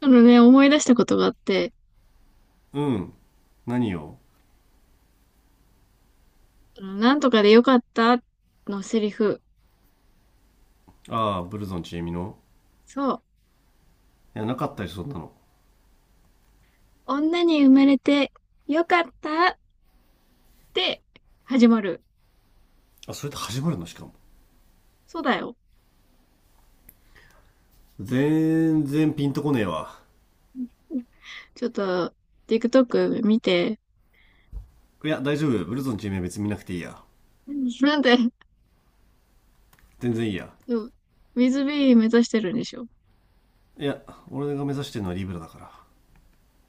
そのね、思い出したことがあって、うん。何よ？あのなんとかでよかったのセリフ。ああ、ブルゾンちえみの。そう。いやなかったりそんなの。女に生まれてよかったって始まる。あ、それで始まるの、しかもそうだよ。全然ピンとこねえわ。ちょっと、TikTok 見て。いや大丈夫、ブルゾンちえみは別に見なくていいや。なんで、全然いいや。そう WithB 目指してるんでしょ？いや、俺が目指してるのはリブラだから。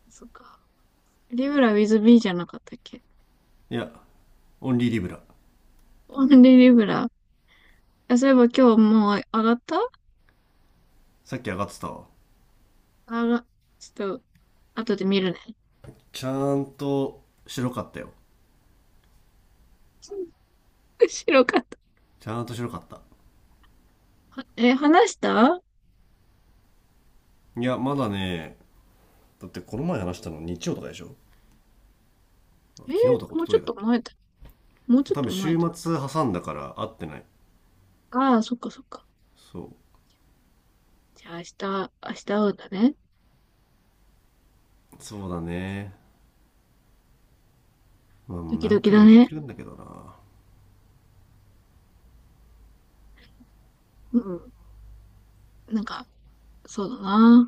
そっか。リブラ WithB じゃなかったっけ？いやオンリーリブラ。オンリーリブラ。あ、そういえば今日もう上がった？さっき上がってたわ。上が、ちょっと、後で見るね。ちゃんと白かったよ。 白かった。ちゃんと白かった。え、話した？いやまだね。だってこの前話したの日曜とかでしょ？え昨日とかー一もう昨ちょ日っだっとけ？前だ。もうちょっ多と分前週だ。末挟んだから会ってない。ああ、そっかそっか。そう。じゃあ明日、明日会うんだね。そうだね。まあもドうキ何ドキ回もだ言っね。てるんだけどな。うん。なんか、そうだな。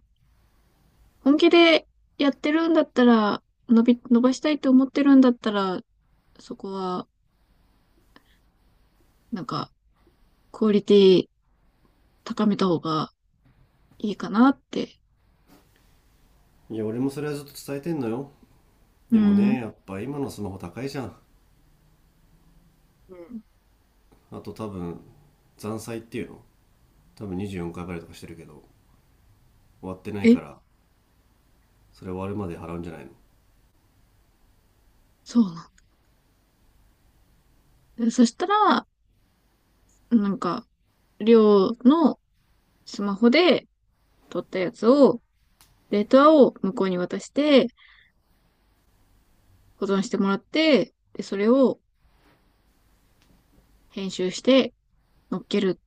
本気でやってるんだったら、伸ばしたいと思ってるんだったら、そこは、なんか、クオリティ高めた方がいいかなって。いや、俺もそれはずっと伝えてんのよ。うでもね、ん。やっぱ今のスマホ高いじゃん。うん。あと多分、残債っていうの多分24回払いとかしてるけど、終わってないかえ、ら、それ終わるまで払うんじゃないそうなの。でそしたら、なんか、りょうのスマホで撮ったやつを、データを向こうに渡して、保存してもらって、で、それを編集して乗っける。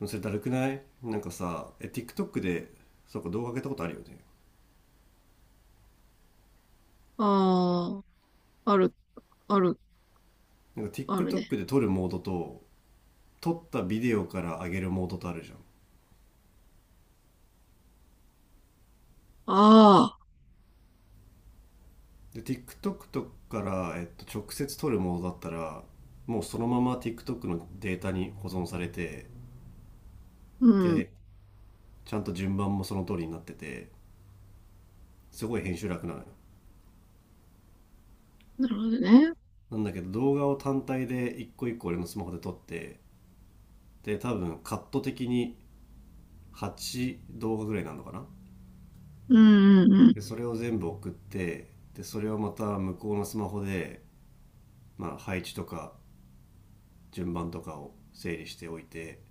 の？それだるくない？なんかさ、え、TikTok で、そうか動画上げたことあるよね。ああ、ある、ある、なんか あるね。TikTok で撮るモードと、撮ったビデオから上げるモードとあるじゃああ、ん。で、TikTok とかから、直接撮るモードだったら、もうそのまま TikTok のデータに保存されて、うん。で、ちゃんと順番もその通りになってて、すごい編集楽なのよ。なるほどね。なんだけど動画を単体で一個一個俺のスマホで撮って、で多分カット的に8動画ぐらいなのかな。うん、うん、うん。でそれを全部送って、でそれをまた向こうのスマホで、まあ、配置とか順番とかを整理しておいて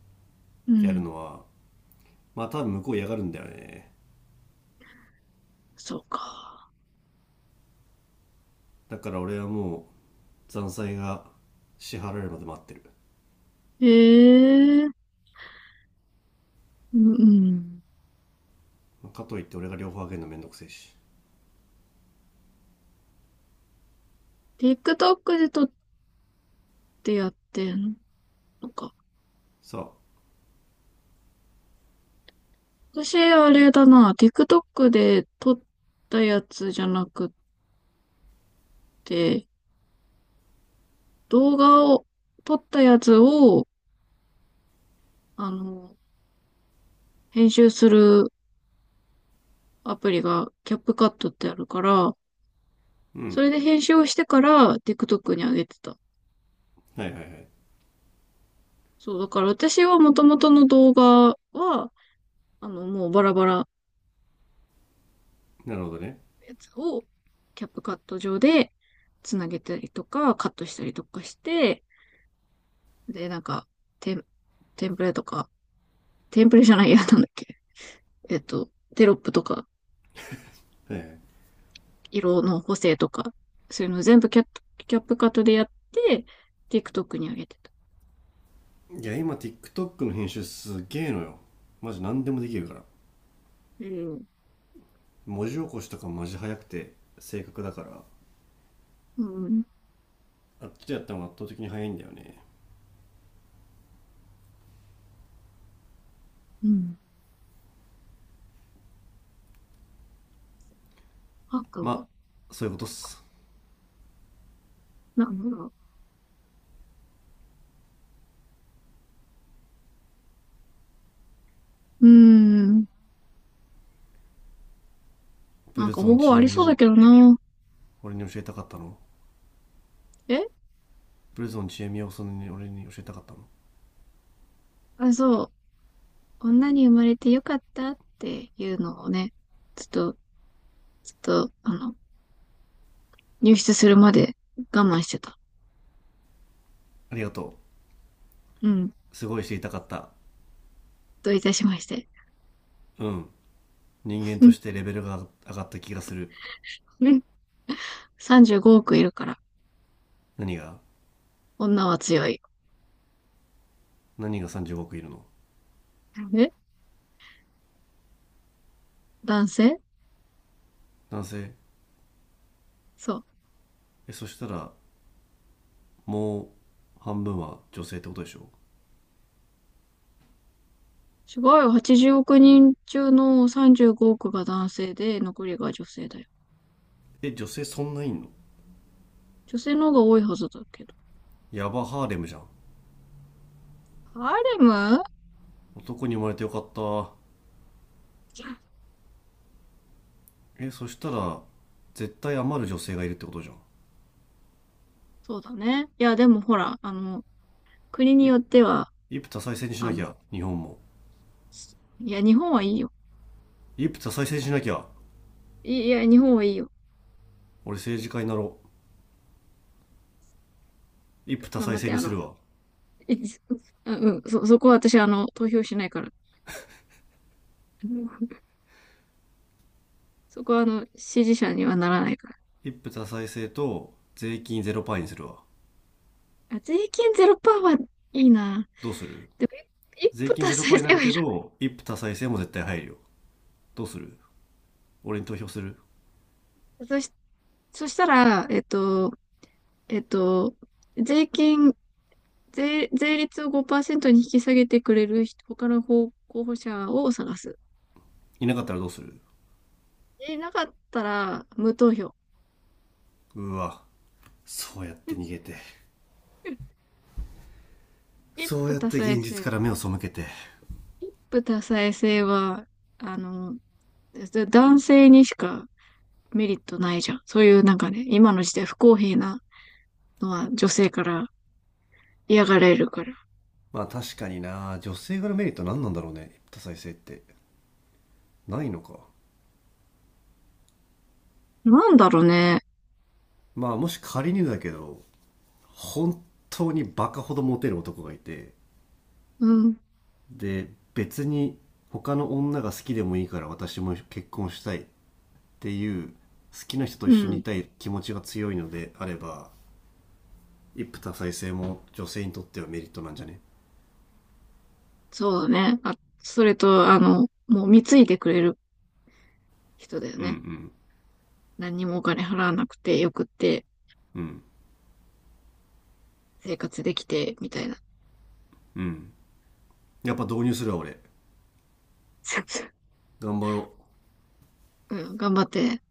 うってやるん、のは、まあ多分向こう嫌がるんだよね。そうか。だから俺はもう残債が支払えるまで待ってる。ええ、うん、うん。かといって俺が両方あげるのめんどくせえし。 TikTok で撮ってやってんのか？さあ。私、あれだな、TikTok で撮ったやつじゃなくて、動画を、撮ったやつを、あの、編集するアプリがキャップカットってあるから、うそん。れで編集をしてから TikTok に上げてた。はいはいはい。そう、だから私はもともとの動画は、もうバラバラのなるほどね。やつをキャップカット上でつなげたりとか、カットしたりとかして、で、なんか、テン、テンプレとか、テンプレじゃないや、なんだっけ。テロップとか、はいはい。色の補正とか、そういうの全部キャップカットでやって、TikTok に上げてた。いや今 TikTok の編集すげえのよ。マジ何でもできるから。うん。文字起こしとかマジ早くて正確だから。うん。あっちでやったのが圧倒的に早いんだよね。うん。赤まあそういうことっす。なんだろう。うーん。ブなんルかゾ方ン法ちあえりみそうだをけどな。俺に教えたかったの？え、ブルゾンちえみをそんなに俺に教えたかったの？あ、そう。女に生まれてよかったっていうのをね、ちょっと、ちょっと、入室するまで我慢してた。ありがとうん。う。すごい知りたかった。どういたしまして。うん。人間うとしん。てレベルが上がった気がする。うん。35億いるから、何が？女は強い。何が35億いるの？え、男性、男性？そう。え、そしたらもう半分は女性ってことでしょ？すごいよ。80億人中の35億が男性で、残りが女性だよ。え、女性そんないんの？女性の方が多いはずだけど。ヤバ、ハーレムじゃん。ハーレム、男に生まれてよかった。え、そしたら絶対余る女性がいるってことじゃん。そうだね。いや、でもほら、国にいよっては、一夫多妻制にしあなきの、ゃ日本も。いや、日本はいいよ。一夫多妻制にしなきゃ。いいや、日本はいいよ。俺政治家になろう。一が夫多頑張妻っ制て、にするわ。いあうん、そこは私、投票しないから。そこは、支持者にはならないから。一夫多妻制と税金ゼロパーにするわ。あ、税金ゼロパーはいいな。どうする？でも、一一税歩金達ゼロパ成ーになせよるいけらど一夫多妻制も絶対入るよ。どうする？俺に投票する？ん。そしたら、えっと、税金、税率を5%に引き下げてくれる人他の候補者を探す。いなかったらどうする？え、なかったら、無投票。うわ、そうやって逃げて。一そ夫うやっ多て妻現実か制。ら目を背けて。一夫多妻制は、あの、男性にしかメリットないじゃん。そういうなんかね、今の時代不公平なのは女性から嫌がられるから。まあ確かにな、女性側のメリット何なんだろうね多妻制って。ないのか。なんだろうね。まあもし仮にだけど、本当にバカほどモテる男がいて、うん。で別に他の女が好きでもいいから私も結婚したいっていう、好きな人とう一緒にん。いたい気持ちが強いのであれば、一夫多妻制も女性にとってはメリットなんじゃね？そうだね。あ、それと、もう貢いでくれる人だようんうね。ん何にもお金払わなくてよくってうん生活できて、みたいな。うん。やっぱ導入するわ俺。 頑張ろう。うん。頑張って。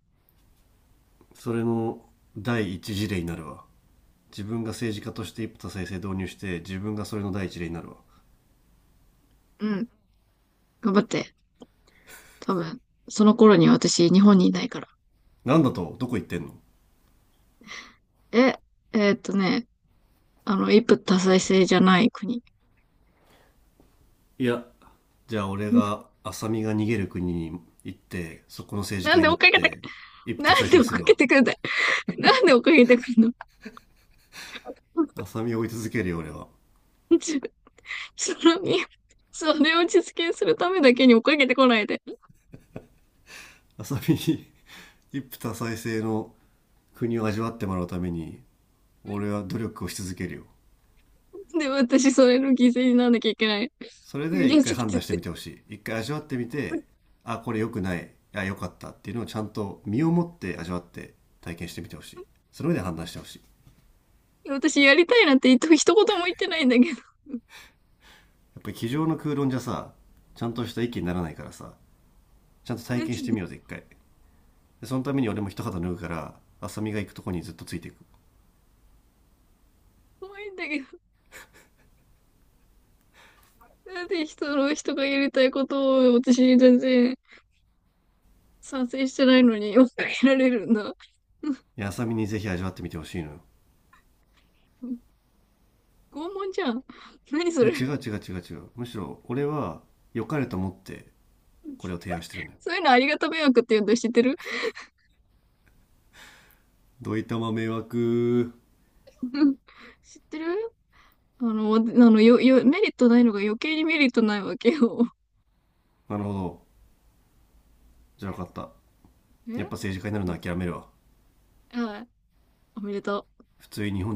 それの第一事例になるわ。自分が政治家として一夫多妻制導入して、自分がそれの第一例になるわ。うん。頑張って。多分、その頃に私、日本にいないから。なんだと、どこ行ってんの？え、えーっとね、一夫多妻制じゃない国。いや、じゃあ俺 が浅見が逃げる国に行ってそこの政治なん家でに追なっっかけて、て一夫多な妻ん制で追にっすかるけわ。てくんだい？なんで追っかけてくんの？ 浅見を追い続けるよ俺は。その、それを実現するためだけに追っかけてこないで。浅見に 一夫多妻制の国を味わってもらうために俺は努力をし続けるよ。で、私、それの犠牲にならなきゃいけない。それいで一や、ち回ょっと判言断っしてて。みてほしい。一回味わってみて、あ、これ良くない、あ、良かったっていうのをちゃんと身をもって味わって体験してみてほしい。その上で判断してほしい。私、やりたいなんて一言も言ってないんだけど。やっぱり机上の空論じゃさ、ちゃんとした意見にならないからさ、ちゃんと体なんて験してみようぜ、一回。でそのために俺も一肌脱ぐから、浅見が行くとこにずっとついていく。怖いんだけど。なんで人がやりたいことを私全然賛成してないのに追っかけられるんだ。いや、浅見にぜひ味わってみてほしいのよ。拷問じゃん。何そいや、違れ。う違う違う違う。むしろ、俺は良かれと思って、これを提案してるんだよ。そういうのありがた迷惑って言うんだ。知ってる？ どいたま迷惑。知ってる？メリットないのが余計にメリットないわけよ。なるほど。じゃあ分かった。え、やっぱ政治家になるうのん、諦めるわ。あ、おめでとう。普通に日本